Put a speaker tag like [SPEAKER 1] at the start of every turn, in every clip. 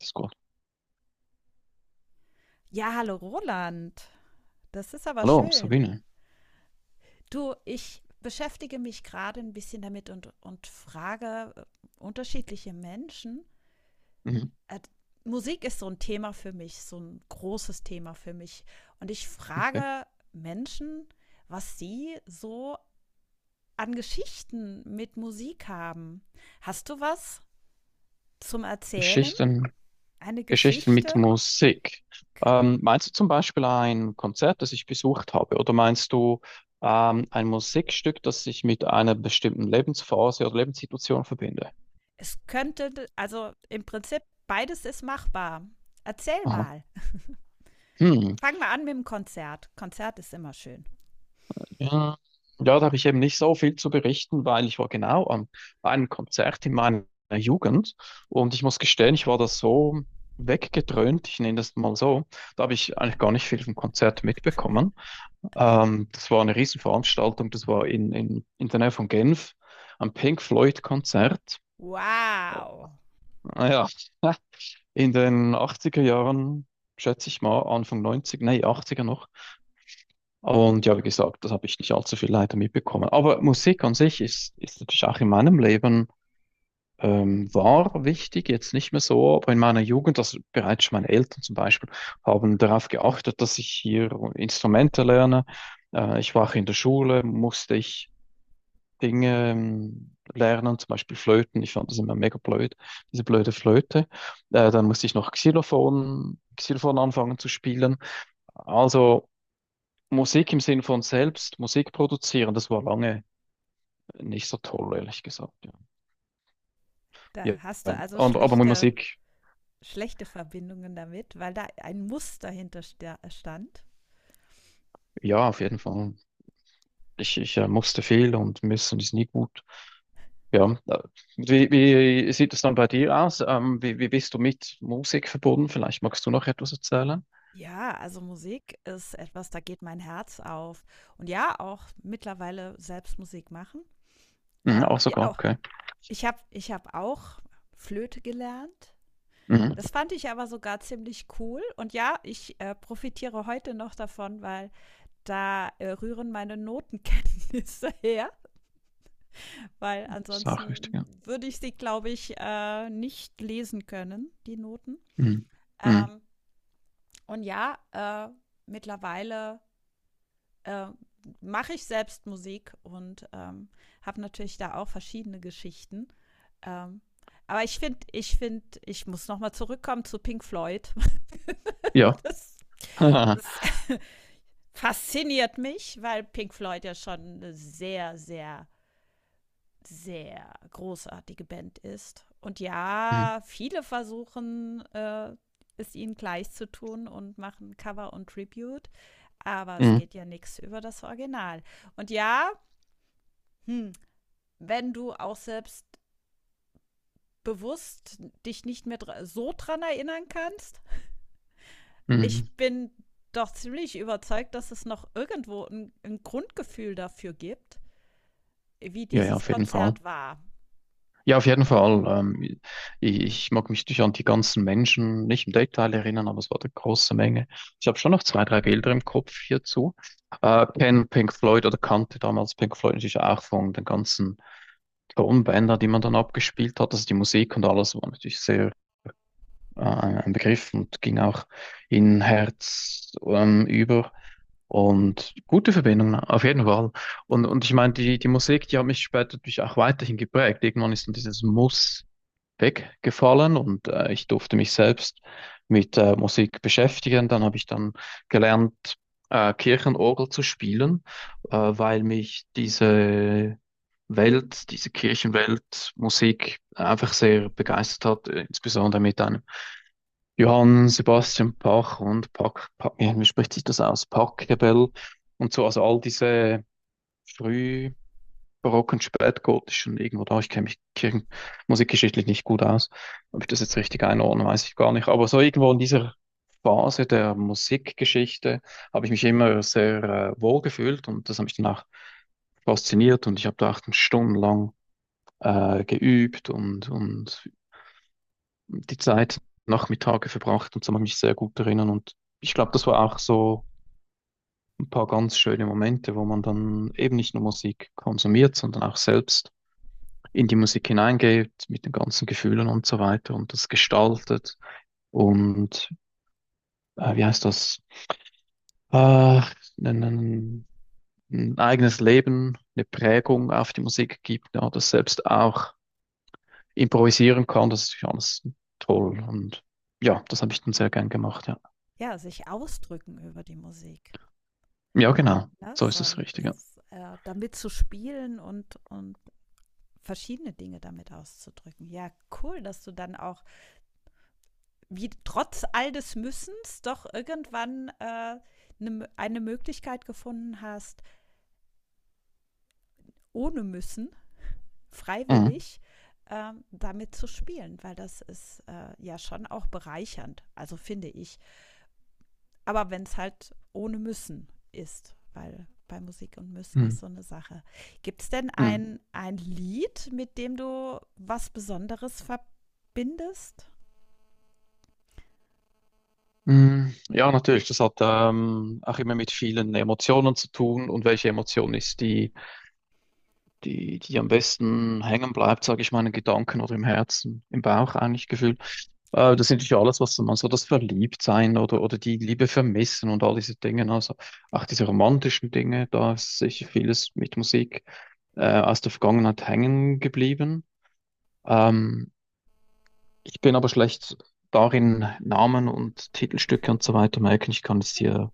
[SPEAKER 1] Ist gut.
[SPEAKER 2] Ja, hallo Roland. Das ist aber
[SPEAKER 1] Hallo,
[SPEAKER 2] schön.
[SPEAKER 1] Sabine.
[SPEAKER 2] Du, ich beschäftige mich gerade ein bisschen damit und frage unterschiedliche Menschen.
[SPEAKER 1] Mhm,
[SPEAKER 2] Äh, Musik ist so ein Thema für mich, so ein großes Thema für mich. Und ich
[SPEAKER 1] okay.
[SPEAKER 2] frage Menschen, was sie so an Geschichten mit Musik haben. Hast du was zum Erzählen?
[SPEAKER 1] Geschichten,
[SPEAKER 2] Eine
[SPEAKER 1] Geschichten mit
[SPEAKER 2] Geschichte?
[SPEAKER 1] Musik.
[SPEAKER 2] Gen-
[SPEAKER 1] Meinst du zum Beispiel ein Konzert, das ich besucht habe? Oder meinst du ein Musikstück, das ich mit einer bestimmten Lebensphase oder Lebenssituation verbinde?
[SPEAKER 2] Es könnte, also im Prinzip, beides ist machbar. Erzähl
[SPEAKER 1] Aha.
[SPEAKER 2] mal.
[SPEAKER 1] Hm.
[SPEAKER 2] Fangen wir an mit dem Konzert. Konzert ist immer schön.
[SPEAKER 1] Ja, ja, da habe ich eben nicht so viel zu berichten, weil ich war genau am einem Konzert in meiner Jugend und ich muss gestehen, ich war da so weggedröhnt, ich nenne das mal so, da habe ich eigentlich gar nicht viel vom Konzert mitbekommen. Das war eine Riesenveranstaltung, das war in der Nähe von Genf, ein Pink Floyd-Konzert.
[SPEAKER 2] Wow.
[SPEAKER 1] Naja, in den 80er Jahren, schätze ich mal, Anfang 90, nee, 80er noch. Und ja, wie gesagt, das habe ich nicht allzu viel leider mitbekommen. Aber Musik an sich ist natürlich auch in meinem Leben war wichtig, jetzt nicht mehr so, aber in meiner Jugend, also bereits schon meine Eltern zum Beispiel, haben darauf geachtet, dass ich hier Instrumente lerne. Ich war auch in der Schule, musste ich Dinge lernen, zum Beispiel Flöten. Ich fand das immer mega blöd, diese blöde Flöte. Dann musste ich noch Xylophon anfangen zu spielen. Also Musik im Sinn von selbst Musik produzieren, das war lange nicht so toll, ehrlich gesagt. Ja,
[SPEAKER 2] Da
[SPEAKER 1] ja.
[SPEAKER 2] hast du
[SPEAKER 1] Ja.
[SPEAKER 2] also
[SPEAKER 1] Aber mit Musik,
[SPEAKER 2] schlechte Verbindungen damit, weil da ein Muster hinter stand.
[SPEAKER 1] ja, auf jeden Fall. Ich musste viel und müssen ist nie gut. Ja, wie, wie sieht es dann bei dir aus? Wie, wie bist du mit Musik verbunden? Vielleicht magst du noch etwas erzählen?
[SPEAKER 2] Ja, also Musik ist etwas, da geht mein Herz auf. Und ja, auch mittlerweile selbst Musik machen.
[SPEAKER 1] Mhm, auch
[SPEAKER 2] Ja,
[SPEAKER 1] sogar,
[SPEAKER 2] auch,
[SPEAKER 1] okay.
[SPEAKER 2] ich hab auch Flöte gelernt.
[SPEAKER 1] Mhm.
[SPEAKER 2] Das fand ich aber sogar ziemlich cool. Und ja, ich profitiere heute noch davon, weil da rühren meine Notenkenntnisse her, weil ansonsten
[SPEAKER 1] Sachrichtiger.
[SPEAKER 2] würde ich sie, glaube ich, nicht lesen können, die Noten.
[SPEAKER 1] Mhm. Mhm.
[SPEAKER 2] Ähm, und ja, äh, mittlerweile äh, mache ich selbst Musik und habe natürlich da auch verschiedene Geschichten. Ähm, aber ich finde, ich muss nochmal zurückkommen zu Pink Floyd.
[SPEAKER 1] Ja.
[SPEAKER 2] Das, das fasziniert mich, weil Pink Floyd ja schon eine sehr, sehr großartige Band ist. Und
[SPEAKER 1] Mhm.
[SPEAKER 2] ja, viele versuchen es ihnen gleich zu tun und machen Cover und Tribute, aber es
[SPEAKER 1] Mhm.
[SPEAKER 2] geht ja nichts über das Original. Und ja, hm, wenn du auch selbst bewusst dich nicht mehr dr so dran erinnern kannst, ich
[SPEAKER 1] Mhm.
[SPEAKER 2] bin doch ziemlich überzeugt, dass es noch irgendwo ein Grundgefühl dafür gibt, wie
[SPEAKER 1] Ja, ja,
[SPEAKER 2] dieses
[SPEAKER 1] auf jeden Fall.
[SPEAKER 2] Konzert war.
[SPEAKER 1] Ja, auf jeden Fall. Ich, ich mag mich nicht an die ganzen Menschen nicht im Detail erinnern, aber es war eine große Menge. Ich habe schon noch zwei, drei Bilder im Kopf hierzu. Kenne Pink Floyd oder kannte damals Pink Floyd natürlich auch von den ganzen Tonbänder, die man dann abgespielt hat. Also die Musik und alles war natürlich sehr ein Begriff und ging auch in Herz über. Und gute Verbindung, ne? Auf jeden Fall. Und ich meine, die Musik, die hat mich später natürlich auch weiterhin geprägt. Irgendwann ist dann dieses Muss weggefallen und ich durfte mich selbst mit Musik beschäftigen. Dann habe ich dann gelernt, Kirchenorgel zu spielen, weil mich diese Welt, diese Kirchenwelt, Musik einfach sehr begeistert hat, insbesondere mit einem Johann Sebastian Bach und Bach, Bach, ja, wie spricht sich das aus? Pachelbel und so, also all diese frühbarocken, spätgotischen, irgendwo da, ich kenne mich Kirchen, musikgeschichtlich nicht gut aus, ob ich das jetzt richtig einordne, weiß ich gar nicht, aber so irgendwo in dieser Phase der Musikgeschichte habe ich mich immer sehr wohl gefühlt und das hat mich danach fasziniert und ich habe da acht stundenlang geübt und die Zeit Nachmittage verbracht und so kann ich mich sehr gut erinnern. Und ich glaube, das war auch so ein paar ganz schöne Momente, wo man dann eben nicht nur Musik konsumiert, sondern auch selbst in die Musik hineingeht, mit den ganzen Gefühlen und so weiter und das gestaltet und wie heißt das? Äh, ein, ein, eigenes Leben, eine Prägung auf die Musik gibt, ja, das selbst auch improvisieren kann, das ist ja alles toll und ja, das habe ich dann sehr gern gemacht, ja.
[SPEAKER 2] Ja, sich ausdrücken über die Musik.
[SPEAKER 1] Ja, genau.
[SPEAKER 2] Ne?
[SPEAKER 1] So ist es
[SPEAKER 2] Sondern
[SPEAKER 1] richtig, ja.
[SPEAKER 2] es, damit zu spielen und verschiedene Dinge damit auszudrücken. Ja, cool, dass du dann auch, wie trotz all des Müssens, doch irgendwann ne, eine Möglichkeit gefunden hast, ohne Müssen,
[SPEAKER 1] Mhm.
[SPEAKER 2] freiwillig, damit zu spielen, weil das ist ja schon auch bereichernd, also finde ich. Aber wenn es halt ohne müssen ist, weil bei Musik und müssen
[SPEAKER 1] Mhm.
[SPEAKER 2] ist so eine Sache. Gibt es denn
[SPEAKER 1] Mhm.
[SPEAKER 2] ein Lied, mit dem du was Besonderes verbindest?
[SPEAKER 1] Mhm. Ja, natürlich. Das hat auch immer mit vielen Emotionen zu tun. Und welche Emotion ist die, die am besten hängen bleibt, sage ich mal, in den Gedanken oder im Herzen, im Bauch eigentlich gefühlt. Das sind natürlich alles, was man so das Verliebtsein oder die Liebe vermissen und all diese Dinge, ne? Also auch diese romantischen Dinge, da ist sicher vieles mit Musik aus der Vergangenheit hängen geblieben. Ähm, Ich bin aber schlecht darin, Namen und Titelstücke und so weiter merken. Ich kann es dir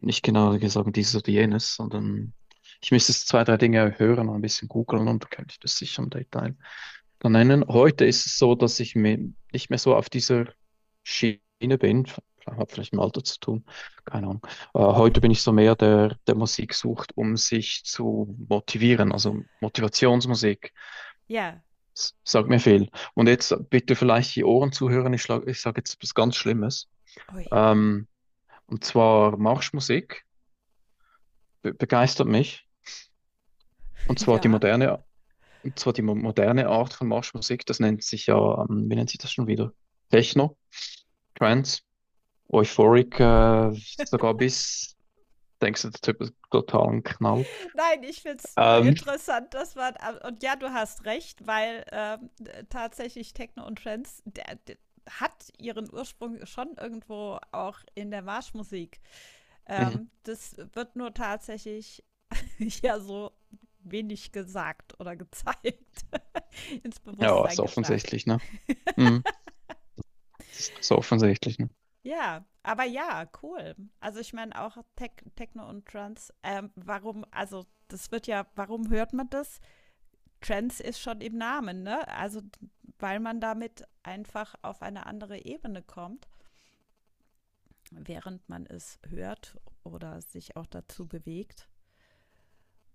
[SPEAKER 1] nicht genau sagen, dieses oder jenes, sondern ich müsste jetzt zwei, drei Dinge hören und ein bisschen googeln und dann könnte ich das sicher im Detail dann nennen. Heute ist es so, dass ich mir nicht mehr so auf dieser Schiene bin. Hat vielleicht mit dem Alter zu tun, keine Ahnung. Heute bin ich so mehr der, der Musik sucht, um sich zu motivieren, also Motivationsmusik.
[SPEAKER 2] Ja.
[SPEAKER 1] S- Sagt mir viel. Und jetzt bitte vielleicht die Ohren zuhören. Ich schlag, ich sage jetzt was ganz Schlimmes.
[SPEAKER 2] Ui.
[SPEAKER 1] Ähm, und zwar Marschmusik be begeistert mich. Und zwar die
[SPEAKER 2] Ja.
[SPEAKER 1] moderne, und zwar die moderne Art von Marschmusik. Das nennt sich ja, wie nennt sich das schon wieder? Techno, Trance, Euphoric, sogar bis, denkst du, der Typ ist total ein Knall.
[SPEAKER 2] Nein, ich finde es nur
[SPEAKER 1] Ähm,
[SPEAKER 2] interessant, dass man. Und ja, du hast recht, weil tatsächlich Techno und Trends der hat ihren Ursprung schon irgendwo auch in der Marschmusik.
[SPEAKER 1] mhm.
[SPEAKER 2] Das wird nur tatsächlich ja so wenig gesagt oder gezeigt, ins
[SPEAKER 1] Ja, ist
[SPEAKER 2] Bewusstsein gebracht.
[SPEAKER 1] offensichtlich, ne? Mhm. Das ist so offensichtlich, ne?
[SPEAKER 2] Ja, aber ja, cool. Also ich meine auch Techno und Trans, warum, also das wird ja, warum hört man das? Trans ist schon im Namen, ne? Also weil man damit einfach auf eine andere Ebene kommt, während man es hört oder sich auch dazu bewegt.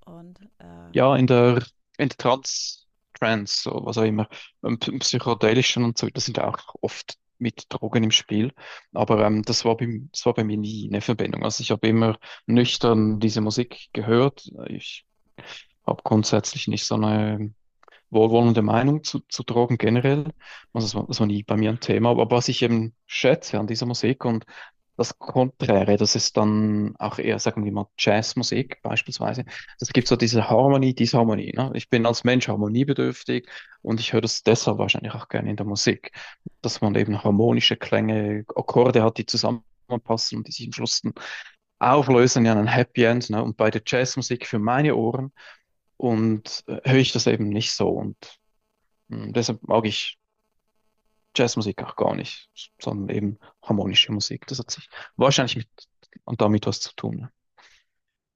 [SPEAKER 2] Und äh,
[SPEAKER 1] Ja, in der, in der Trans, Trans, so, was auch immer, im psychedelischen und so, das sind auch oft mit Drogen im Spiel. Aber das war bei mir nie eine Verbindung. Also ich habe immer nüchtern diese Musik gehört. Ich habe grundsätzlich nicht so eine wohlwollende Meinung zu Drogen generell. Also das war nie bei mir ein Thema. Aber was ich eben schätze an dieser Musik und das Konträre, das ist dann auch eher, sagen wir mal, Jazzmusik beispielsweise. Das gibt so diese Harmonie, Disharmonie. Ne? Ich bin als Mensch harmoniebedürftig und ich höre das deshalb wahrscheinlich auch gerne in der Musik, dass man eben harmonische Klänge, Akkorde hat, die zusammenpassen und die sich am Schluss dann auflösen in ein Happy End. Ne? Und bei der Jazzmusik für meine Ohren und höre ich das eben nicht so. Und deshalb mag ich Jazzmusik auch gar nicht, sondern eben harmonische Musik. Das hat sich wahrscheinlich mit und damit was zu tun.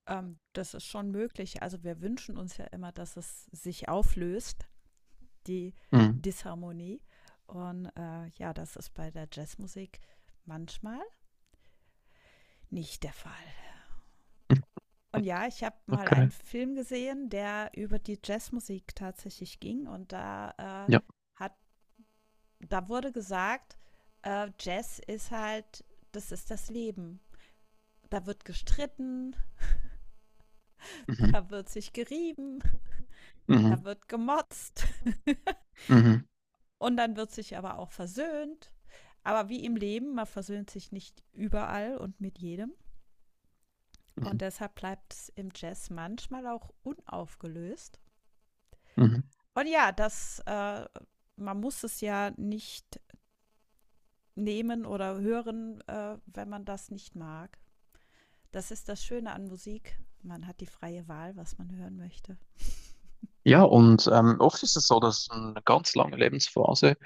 [SPEAKER 2] das ist schon möglich. Also wir wünschen uns ja immer, dass es sich auflöst, die
[SPEAKER 1] Ne? Mm.
[SPEAKER 2] Disharmonie. Und ja, das ist bei der Jazzmusik manchmal nicht der Fall. Und ja, ich habe mal einen
[SPEAKER 1] Okay.
[SPEAKER 2] Film gesehen, der über die Jazzmusik tatsächlich ging. Und
[SPEAKER 1] Ja.
[SPEAKER 2] hat, da wurde gesagt, Jazz ist halt, das ist das Leben. Da wird gestritten,
[SPEAKER 1] Mhm.
[SPEAKER 2] da wird sich gerieben, da
[SPEAKER 1] Mhm.
[SPEAKER 2] wird gemotzt
[SPEAKER 1] Mhm.
[SPEAKER 2] und dann wird sich aber auch versöhnt. Aber wie im Leben, man versöhnt sich nicht überall und mit jedem. Und
[SPEAKER 1] Mhm.
[SPEAKER 2] deshalb bleibt es im Jazz manchmal auch unaufgelöst.
[SPEAKER 1] Mhm.
[SPEAKER 2] Und ja, man muss es ja nicht nehmen oder hören, wenn man das nicht mag. Das ist das Schöne an Musik. Man hat die freie Wahl, was man hören möchte.
[SPEAKER 1] Ja, und oft ist es so, dass eine ganz lange Lebensphase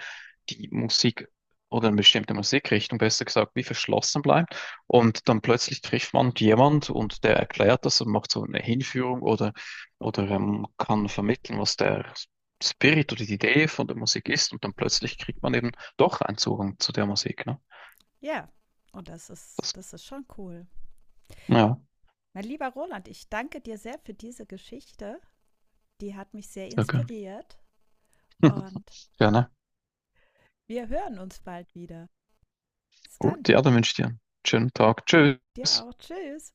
[SPEAKER 1] die Musik oder eine bestimmte Musikrichtung, besser gesagt, wie verschlossen bleibt. Und dann plötzlich trifft man jemand und der erklärt das und macht so eine Hinführung oder kann vermitteln, was der Spirit oder die Idee von der Musik ist. Und dann plötzlich kriegt man eben doch einen Zugang zu der Musik. Ne?
[SPEAKER 2] Ja, und das ist,
[SPEAKER 1] Das,
[SPEAKER 2] das ist schon cool.
[SPEAKER 1] ja,
[SPEAKER 2] Mein lieber Roland, ich danke dir sehr für diese Geschichte. Die hat mich sehr
[SPEAKER 1] sehr gern.
[SPEAKER 2] inspiriert. Und
[SPEAKER 1] Gerne.
[SPEAKER 2] wir hören uns bald wieder. Bis dann.
[SPEAKER 1] Gut, ja, dann wünsche ich dir einen schönen Tag. Tschüss.
[SPEAKER 2] Dir auch. Tschüss.